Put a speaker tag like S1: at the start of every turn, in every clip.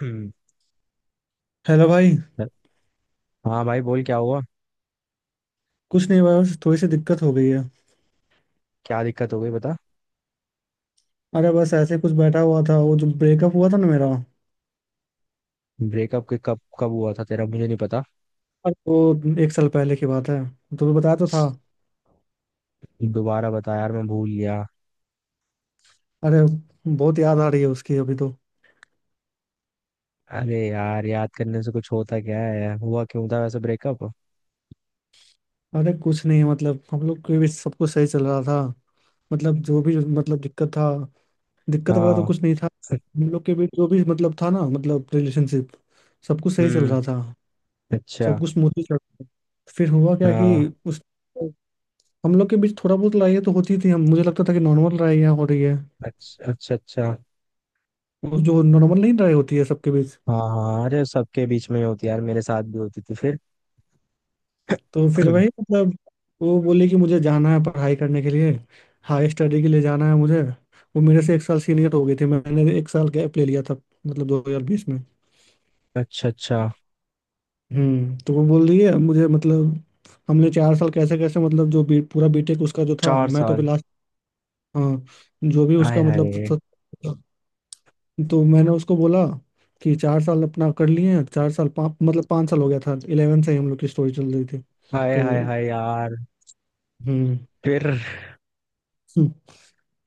S1: हम्म।
S2: Hello भाई।
S1: हाँ भाई बोल क्या हुआ।
S2: कुछ नहीं भाई, बस थोड़ी सी दिक्कत हो गई है।
S1: क्या दिक्कत हो गई बता।
S2: अरे बस ऐसे कुछ बैठा हुआ था, वो जो ब्रेकअप हुआ था ना मेरा।
S1: ब्रेकअप के कब कब हुआ था तेरा मुझे नहीं पता।
S2: अरे वो एक साल पहले की बात है। तुम्हें बताया तो था।
S1: दोबारा बता यार मैं भूल गया।
S2: अरे बहुत याद आ रही है उसकी अभी तो।
S1: अरे यार याद करने से कुछ होता क्या है, हुआ क्यों था वैसे ब्रेकअप।
S2: अरे कुछ नहीं, मतलब हम लोग के भी सब कुछ सही चल रहा था। मतलब जो भी मतलब दिक्कत था। दिक्कत वगैरह तो
S1: हाँ।
S2: कुछ नहीं था। हम लोग के बीच जो भी मतलब था ना, मतलब रिलेशनशिप। सब कुछ सही चल
S1: हम्म।
S2: रहा था। सब
S1: अच्छा।
S2: कुछ स्मूथली चल रहा था, फिर हुआ क्या कि
S1: हाँ,
S2: उस हम लोग के बीच थोड़ा बहुत लड़ाइयाँ तो होती थी, हम मुझे लगता था कि नॉर्मल लड़ाइयाँ हो रही है।
S1: अच्छा अच्छा अच्छा।
S2: वो जो नॉर्मल नहीं लड़ाई होती है सबके बीच।
S1: हाँ हाँ, अरे सबके बीच में ही होती है यार, मेरे साथ भी होती थी फिर।
S2: तो फिर वही मतलब। वो बोली कि मुझे जाना है पढ़ाई करने के लिए। हाई स्टडी के लिए जाना है मुझे। वो मेरे से एक साल सीनियर हो गई थी, मैंने एक साल गैप ले लिया था। मतलब 2020 में।
S1: अच्छा अच्छा।
S2: तो वो बोल रही है मुझे मतलब। हमने चार साल कैसे कैसे मतलब पूरा बीटेक उसका जो था,
S1: चार
S2: मैं तो अभी
S1: साल।
S2: लास्ट। हाँ जो भी
S1: हाय
S2: उसका मतलब।
S1: हाय
S2: तो मैंने उसको बोला कि चार साल अपना कर लिए हैं, चार साल पाँच मतलब पाँच साल हो गया था, 11 से ही हम लोग की स्टोरी चल रही थी।
S1: हाय हाय
S2: तो
S1: हाय यार।
S2: हम्म
S1: फिर।
S2: हम्म,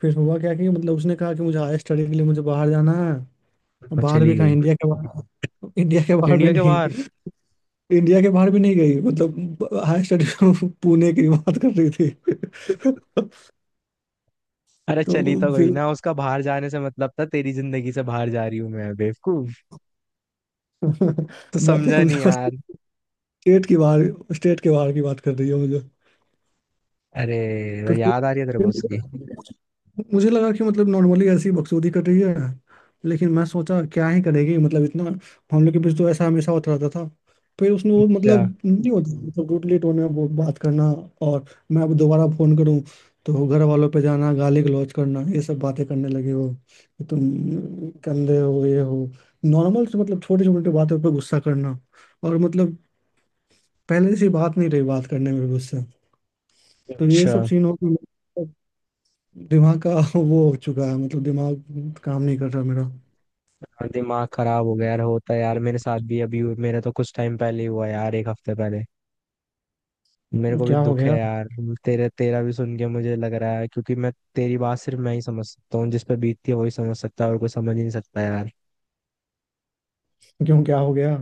S2: फिर हुआ क्या कि मतलब उसने कहा कि मुझे हायर स्टडी के लिए मुझे बाहर जाना है। बाहर
S1: चली
S2: भी कहाँ?
S1: गई
S2: इंडिया के बाहर। इंडिया के बाहर भी
S1: इंडिया के
S2: नहीं।
S1: बाहर।
S2: इंडिया के बाहर भी नहीं गई, मतलब हायर स्टडी। पुणे की बात कर रही थी।
S1: अरे
S2: तो
S1: चली तो गई
S2: फिर
S1: ना, उसका बाहर जाने से मतलब था तेरी जिंदगी से बाहर जा रही हूँ मैं बेवकूफ। तो
S2: मैं तो
S1: समझा नहीं
S2: समझा।
S1: यार।
S2: स्टेट के बाहर की बात कर रही है मुझे।
S1: अरे।
S2: तो
S1: याद आ रही है तेरे को
S2: फिर
S1: उसकी।
S2: मुझे लगा कि मतलब नॉर्मली ऐसी बकचोदी कर रही है। लेकिन मैं सोचा क्या ही करेगी, मतलब इतना हम लोग के बीच तो ऐसा हमेशा होता रहता था। फिर उसने वो
S1: अच्छा
S2: मतलब नहीं होता, मतलब रूडली टोन में वो बात करना। और मैं अब दोबारा फोन करूं तो घर वालों पे जाना, गाली गलौज करना, ये सब बातें करने लगे वो कि तुम गंदे हो, ये हो। नॉर्मल से मतलब छोटी छोटी बातों पे गुस्सा करना। और मतलब पहले से बात नहीं रही, बात करने में भी गुस्सा। तो ये
S1: अच्छा।
S2: सब सीन हो गया दिमाग का। वो हो चुका है मतलब दिमाग काम नहीं कर रहा मेरा।
S1: हाँ, दिमाग खराब हो गया यार, होता है यार, मेरे साथ भी अभी मेरे तो कुछ टाइम पहले ही हुआ यार, एक हफ्ते पहले। मेरे को भी
S2: क्या हो
S1: दुख है
S2: गया।
S1: यार। तेरे तेरा भी सुन के मुझे लग रहा है क्योंकि मैं तेरी बात सिर्फ मैं ही समझ सकता हूँ, जिस पे बीतती है वही समझ सकता है और कोई समझ ही नहीं सकता यार।
S2: क्यों क्या हो गया।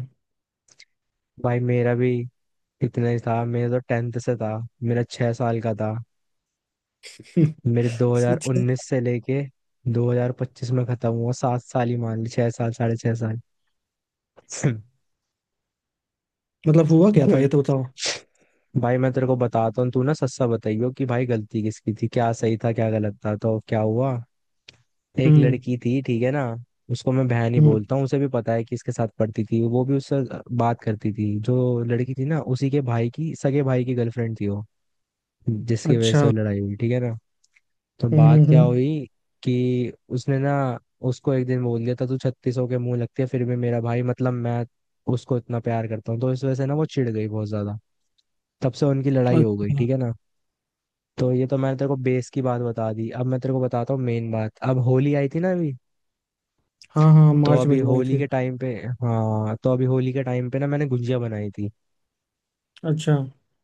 S1: भाई मेरा भी इतना ही था, मेरा तो टेंथ से था। मेरा 6 साल का था। मेरे
S2: सच में?
S1: 2019 से लेके 2025 में खत्म हुआ, 7 साल ही मान ली, 6 साल, 6.5 साल।
S2: मतलब हुआ क्या था ये तो बताओ।
S1: भाई मैं तेरे को बताता हूँ, तू ना सच्चा बताइयो कि भाई गलती किसकी थी, क्या सही था क्या गलत था, तो क्या हुआ। एक
S2: हम्म।
S1: लड़की थी ठीक है ना, उसको मैं बहन ही
S2: हम्म।
S1: बोलता हूँ, उसे भी पता है। कि इसके साथ पढ़ती थी वो, भी उससे बात करती थी। जो लड़की थी ना, उसी के भाई की, सगे भाई की गर्लफ्रेंड थी वो, जिसकी वजह से
S2: अच्छा।
S1: वो लड़ाई हुई ठीक है ना। तो
S2: हम्म। हम्म।
S1: बात क्या
S2: हम्म।
S1: हुई कि उसने ना उसको एक दिन बोल दिया था तू छत्तीसों के मुंह लगती है, फिर भी मेरा भाई मतलब मैं उसको इतना प्यार करता हूँ, तो इस वजह से ना वो चिढ़ गई बहुत ज्यादा। तब से उनकी लड़ाई हो गई
S2: अच्छा।
S1: ठीक है ना। तो ये तो मैंने तेरे को बेस की बात बता दी, अब मैं तेरे को बताता हूँ मेन बात। अब होली आई थी ना अभी,
S2: हाँ हाँ,
S1: तो
S2: मार्च
S1: अभी
S2: में जो आई
S1: होली
S2: थी।
S1: के टाइम पे, हाँ तो अभी होली के टाइम पे ना मैंने गुंजिया बनाई थी।
S2: अच्छा।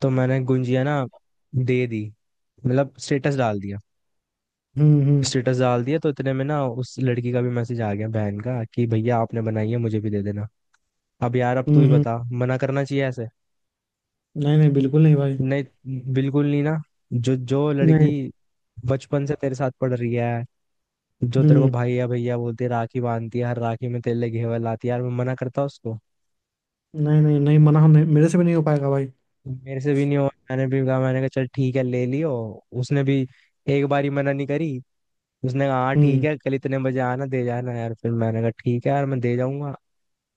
S1: तो मैंने गुंजिया ना दे दी, मतलब स्टेटस डाल दिया।
S2: हम्म। हम्म।
S1: स्टेटस डाल दिया तो इतने में ना उस लड़की का भी मैसेज आ गया, बहन का, कि भैया आपने बनाई है मुझे भी दे देना। अब यार अब तू
S2: हम्म।
S1: ही बता
S2: हम्म।
S1: मना करना चाहिए ऐसे।
S2: नहीं नहीं, बिल्कुल नहीं भाई।
S1: नहीं बिल्कुल नहीं ना। जो जो
S2: नहीं।
S1: लड़की बचपन से तेरे साथ पढ़ रही है, जो तेरे को
S2: हम्म।
S1: भैया भैया बोलती है, राखी बांधती है, हर राखी में तेरे लिए घेवर लाती है यार, मैं मना करता उसको।
S2: नहीं नहीं नहीं, मना नहीं, मेरे से भी नहीं हो पाएगा भाई।
S1: मेरे से भी नहीं हुआ, मैंने भी कहा, मैंने कहा चल ठीक है ले लियो। उसने भी एक बारी मना नहीं करी, उसने कहा हाँ ठीक
S2: हम्म।
S1: है कल इतने बजे आना दे जाना यार, फिर मैंने कहा ठीक है यार मैं दे जाऊंगा।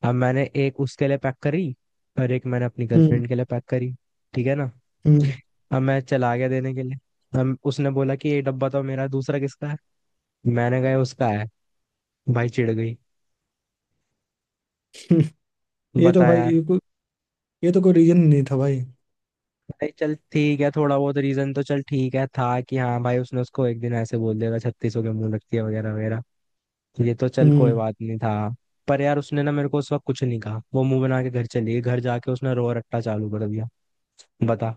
S1: अब मैंने एक उसके लिए पैक करी और एक मैंने अपनी
S2: हम्म।
S1: गर्लफ्रेंड के लिए पैक करी ठीक है ना।
S2: हम्म।
S1: अब मैं चला गया देने के लिए। अब उसने बोला कि ये डब्बा तो मेरा है, दूसरा किसका है। मैंने कहा "ये उसका है"। भाई चिढ़ गई।
S2: हम्म। ये तो
S1: बता
S2: भाई
S1: यार।
S2: ये कोई, ये तो कोई रीजन नहीं था भाई।
S1: नहीं चल ठीक है थोड़ा बहुत रीजन तो चल ठीक है था कि हाँ भाई, उसने उसको एक दिन ऐसे बोल दिया था, छत्तीस हो के मुंह रखती है वगैरह वगैरह। ये तो चल कोई
S2: हम्म।
S1: बात नहीं था। पर यार उसने ना मेरे को उस वक्त कुछ नहीं कहा, वो मुंह बना के घर चली गई, घर जाके उसने रो रट्टा चालू कर दिया। बता।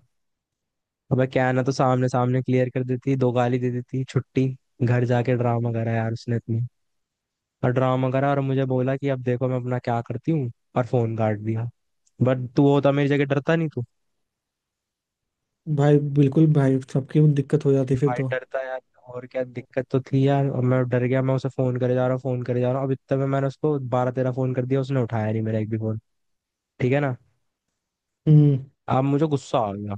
S1: अबे क्या ना, तो सामने सामने क्लियर कर देती, दो गाली दे देती छुट्टी। घर जाके ड्रामा करा यार उसने इतनी, और ड्रामा करा और मुझे बोला कि अब देखो मैं अपना क्या करती हूँ, और फोन काट दिया। बट तू होता मेरी जगह डरता नहीं तू।
S2: भाई बिल्कुल भाई, सबकी दिक्कत हो जाती फिर
S1: भाई
S2: तो।
S1: डरता यार, और क्या दिक्कत तो थी यार, और मैं डर गया। मैं उसे फोन करे जा रहा हूँ, फोन करे जा रहा हूँ, अब इतने में मैंने उसको 12-13 फोन कर दिया, उसने उठाया नहीं मेरा एक भी फोन, ठीक है ना।
S2: हम्म।
S1: अब मुझे गुस्सा आ गया।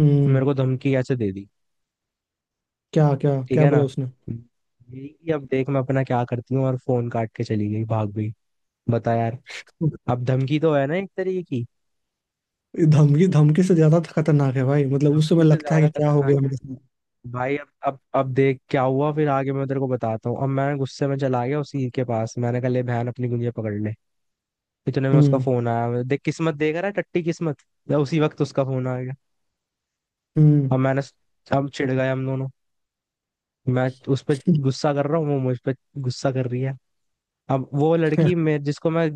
S2: हम्म।
S1: मेरे को धमकी कैसे दे दी,
S2: क्या क्या
S1: ठीक
S2: क्या
S1: है ना।
S2: बोला उसने?
S1: यही कि अब देख मैं अपना क्या करती हूँ, और फोन काट के चली गई, भाग गई। बता यार। अब धमकी तो है ना एक तरीके की।
S2: धमकी धमकी से ज्यादा खतरनाक है भाई, मतलब उस
S1: धमकी
S2: समय
S1: से
S2: लगता है
S1: ज्यादा
S2: कि क्या हो गया
S1: खतरनाक है
S2: मेरे साथ।
S1: भाई। अब देख क्या हुआ फिर आगे मैं तेरे को बताता हूँ। अब मैं गुस्से में चला गया उसी के पास, मैंने कहा ले बहन अपनी गुंजिया पकड़ ले। इतने में उसका
S2: हम्म।
S1: फोन आया, देख किस्मत देख रहा है टट्टी किस्मत। तो उसी वक्त उसका फोन आ गया।
S2: हम्म।
S1: अब मैंने अब चिढ़ गए हम दोनों। मैं उस पर गुस्सा कर रहा हूँ, वो मुझ पर गुस्सा कर रही है। अब वो लड़की, मैं जिसको मैं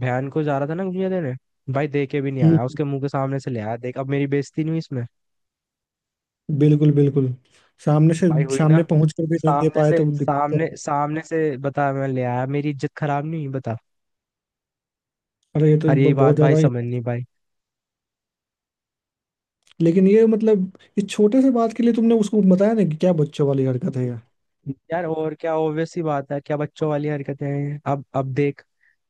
S1: बहन को जा रहा था ना गुंजिया देने, भाई दे के भी नहीं
S2: हम्म।
S1: आया, उसके मुंह के सामने से ले आया। देख अब मेरी बेइज्जती नहीं हुई इसमें।
S2: बिल्कुल बिल्कुल। सामने से
S1: भाई हुई ना।
S2: सामने पहुंच कर भी नहीं दे
S1: सामने
S2: पाए
S1: से,
S2: तो दिक्कत है।
S1: सामने सामने से, बता मैं ले आया, मेरी इज्जत खराब नहीं हुई बता।
S2: अरे ये तो
S1: और यही बात
S2: बहुत
S1: भाई
S2: ज्यादा ही।
S1: समझ नहीं पाई
S2: लेकिन ये मतलब इस छोटे से बात के लिए तुमने उसको बताया ना कि क्या बच्चों वाली हरकत है यार?
S1: यार, और क्या ऑब्वियस सी बात है, क्या बच्चों वाली हरकतें हैं। अब देख।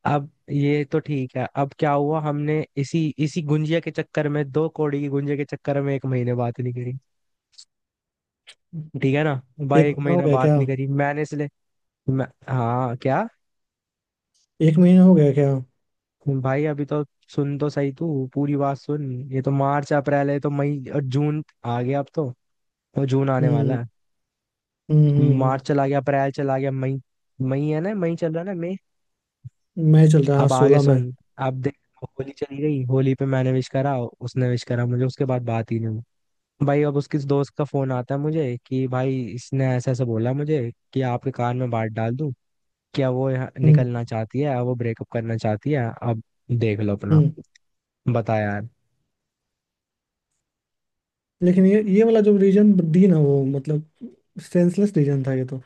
S1: अब ये तो ठीक है, अब क्या हुआ, हमने इसी इसी गुंजिया के चक्कर में, दो कौड़ी की गुंजिया के चक्कर में एक महीने बात नहीं करी ठीक है ना। भाई
S2: एक
S1: एक
S2: महीना हो
S1: महीना
S2: गया
S1: बात
S2: क्या?
S1: नहीं करी मैंने इसलिए। मैं, हाँ क्या।
S2: एक महीना हो गया क्या?
S1: भाई अभी तो सुन तो सही, तू पूरी बात सुन। ये तो मार्च अप्रैल है, ये तो मई और जून आ गया अब तो। वो जून आने
S2: हम्म।
S1: वाला है।
S2: हम्म। हम्म।
S1: मार्च चला गया, अप्रैल चला गया, मई। मई है ना, मई चल रहा है ना मई।
S2: मैं चल रहा है हाँ,
S1: अब आगे
S2: 16 में।
S1: सुन। अब देख होली चली गई, होली पे मैंने विश करा उसने विश करा मुझे, उसके बाद बात ही नहीं हुई। भाई अब उसके दोस्त का फोन आता है मुझे कि भाई इसने ऐसा ऐसा बोला मुझे कि आपके कान में बात डाल दूं, क्या वो यहाँ
S2: हम्म।
S1: निकलना चाहती है, वो ब्रेकअप करना चाहती है, अब देख लो अपना।
S2: हम्म।
S1: बता यार।
S2: लेकिन ये वाला जो रीजन दी ना वो मतलब सेंसलेस रीजन था ये तो।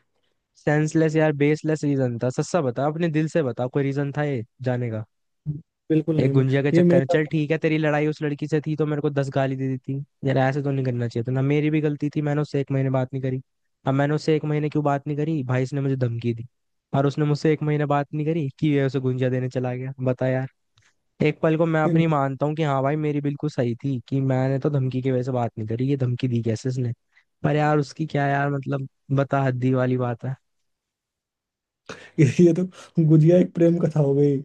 S1: सेंसलेस यार, बेसलेस रीजन था सस्ता, बता अपने दिल से बता कोई रीजन था ये जाने का।
S2: बिल्कुल
S1: एक
S2: नहीं।
S1: गुंजिया के
S2: ये
S1: चक्कर
S2: मेरे
S1: में,
S2: साथ।
S1: चल ठीक है तेरी लड़ाई उस लड़की से थी तो मेरे को 10 गाली दे दी थी, यार ऐसे तो नहीं करना चाहिए था ना। मेरी भी गलती थी, मैंने उससे एक महीने बात नहीं करी। अब मैंने उससे एक महीने क्यों बात नहीं करी, भाई इसने मुझे धमकी दी। और उसने मुझसे एक महीने बात नहीं करी कि ये उसे गुंजिया देने चला गया, बता यार। एक पल को मैं अपनी मानता हूँ कि हाँ भाई मेरी बिल्कुल सही थी कि मैंने तो धमकी की वजह से बात नहीं करी, ये धमकी दी कैसे इसने। पर यार उसकी क्या यार, मतलब बता हद्दी वाली बात
S2: ये तो गुजिया एक प्रेम कथा हो गई।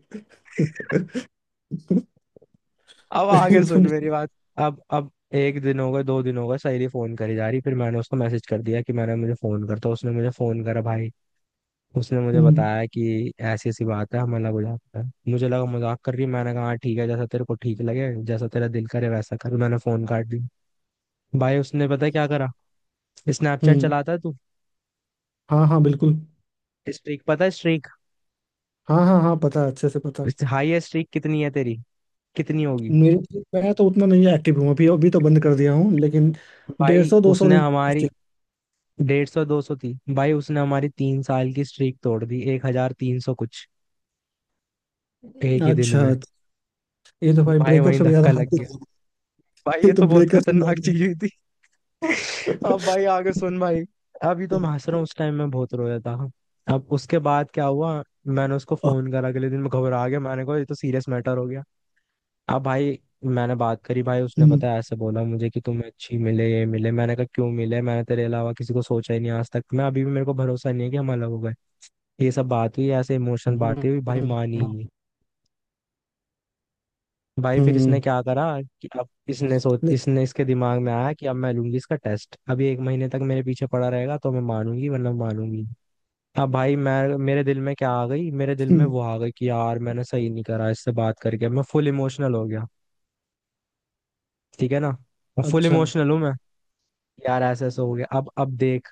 S1: है। अब आगे सुन मेरी बात। अब एक दिन हो गया, दो दिन हो गए, सहेली फोन करी जा रही, फिर मैंने उसको मैसेज कर दिया कि मैंने, मुझे फोन करता, उसने मुझे फोन करा भाई। उसने मुझे
S2: हम्म।
S1: बताया कि ऐसी ऐसी बात है, हमारा मजाक है। मुझे लगा मजाक कर रही है, मैंने कहा "हाँ, ठीक है, जैसा तेरे को ठीक लगे जैसा तेरा दिल करे वैसा कर"। मैंने फोन काट दिया। भाई उसने पता है क्या करा। स्नैपचैट
S2: हम्म।
S1: चलाता है तू।
S2: हाँ हाँ बिल्कुल।
S1: स्ट्रीक पता है स्ट्रीक।
S2: हाँ हाँ हाँ पता है, अच्छे से पता।
S1: हाईएस्ट स्ट्रीक कितनी है तेरी, कितनी होगी।
S2: मेरे मैं तो उतना नहीं एक्टिव हूँ अभी, अभी तो बंद कर दिया हूँ लेकिन। डेढ़
S1: भाई
S2: सौ 200
S1: उसने
S2: दिन। अच्छा।
S1: हमारी, 150 200 थी, भाई उसने हमारी 3 साल की स्ट्रीक तोड़ दी, 1,300 कुछ, एक ही दिन
S2: अच्छा,
S1: में।
S2: ये तो भाई
S1: भाई
S2: ब्रेकअप
S1: वहीं
S2: से भी ज्यादा
S1: धक्का लग
S2: हाथी।
S1: गया। भाई
S2: ये
S1: ये
S2: तो
S1: तो बहुत
S2: ब्रेकअप से भी
S1: खतरनाक
S2: ज्यादा।
S1: चीज हुई थी। अब भाई आगे सुन भाई। अभी तो मैं हंस रहा हूँ, उस टाइम मैं बहुत रोया था। अब उसके बाद क्या हुआ, मैंने उसको फोन करा अगले दिन, मैं घबरा गया, मैंने कहा ये तो सीरियस मैटर हो गया। अब भाई मैंने बात करी भाई, उसने
S2: हम्म।
S1: पता है ऐसे बोला मुझे कि तुम्हें अच्छी मिले ये मिले, मैंने कहा क्यों मिले, मैंने तेरे अलावा किसी को सोचा ही नहीं आज तक, मैं अभी भी, मेरे को भरोसा नहीं है कि हम अलग हो गए। ये सब बात हुई, ऐसे इमोशनल
S2: हम्म।
S1: बातें हुई, भाई मानी ही नहीं। भाई फिर इसने
S2: हम्म।
S1: क्या करा कि अब इसने सोच इसने इसके दिमाग में आया कि अब मैं लूंगी इसका टेस्ट, अभी एक महीने तक मेरे पीछे पड़ा रहेगा तो मैं मानूंगी वरना मानूंगी नहीं। अब भाई मैं, मेरे दिल में क्या आ गई, मेरे दिल में
S2: हम्म।
S1: वो आ गई कि यार मैंने सही नहीं करा, इससे बात करके मैं फुल इमोशनल हो गया ठीक है ना। फुल
S2: अच्छा।
S1: इमोशनल हूँ मैं। यार ऐसे ऐसे हो गया। अब देख।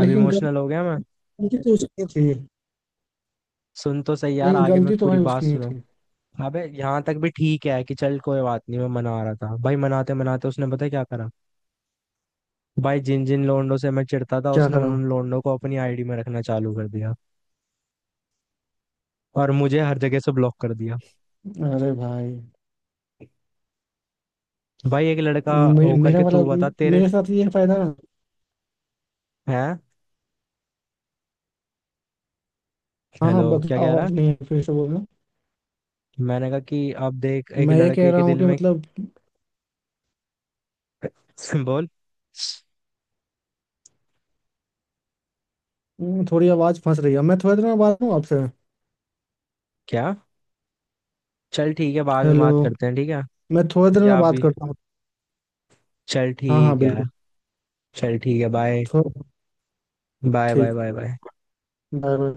S1: अब
S2: लेकिन
S1: इमोशनल हो गया मैं।
S2: गलती तो उसकी थी।
S1: सुन तो सही यार
S2: लेकिन
S1: आगे, मैं
S2: गलती तो
S1: पूरी
S2: भाई
S1: बात
S2: उसकी ही
S1: सुनो।
S2: थी।
S1: अबे यहाँ तक भी ठीक है, कि चल कोई बात नहीं, मैं मना रहा था भाई, मनाते मनाते उसने पता है क्या करा। भाई जिन जिन लोंडों से मैं चिढ़ता था,
S2: क्या
S1: उसने
S2: करा?
S1: उन उन लोंडों को अपनी आईडी में रखना चालू कर दिया, और मुझे हर जगह से ब्लॉक कर दिया।
S2: अरे भाई।
S1: भाई एक लड़का होकर
S2: मेरा
S1: के,
S2: वाला।
S1: तू बता तेरे।
S2: मेरे साथ ये फायदा है।
S1: हैं?
S2: हाँ
S1: हेलो
S2: हाँ
S1: क्या कह
S2: बताओ।
S1: रहा।
S2: आप नहीं है, फिर से बोलना।
S1: मैंने कहा कि अब देख एक
S2: मैं ये कह
S1: लड़के
S2: रहा
S1: के
S2: हूँ
S1: दिल
S2: कि
S1: में।
S2: मतलब,
S1: बोल।
S2: थोड़ी आवाज फंस रही है, मैं थोड़ी देर में बात करूँ आपसे।
S1: क्या। चल ठीक है बाद में
S2: हेलो।
S1: बात करते हैं ठीक है।
S2: मैं थोड़ी देर में
S1: या
S2: बात
S1: अभी।
S2: करता हूँ।
S1: चल
S2: हाँ हाँ
S1: ठीक है।
S2: बिल्कुल।
S1: चल ठीक है बाय
S2: थो-
S1: बाय बाय
S2: ठीक।
S1: Bye bye.
S2: Bye bye.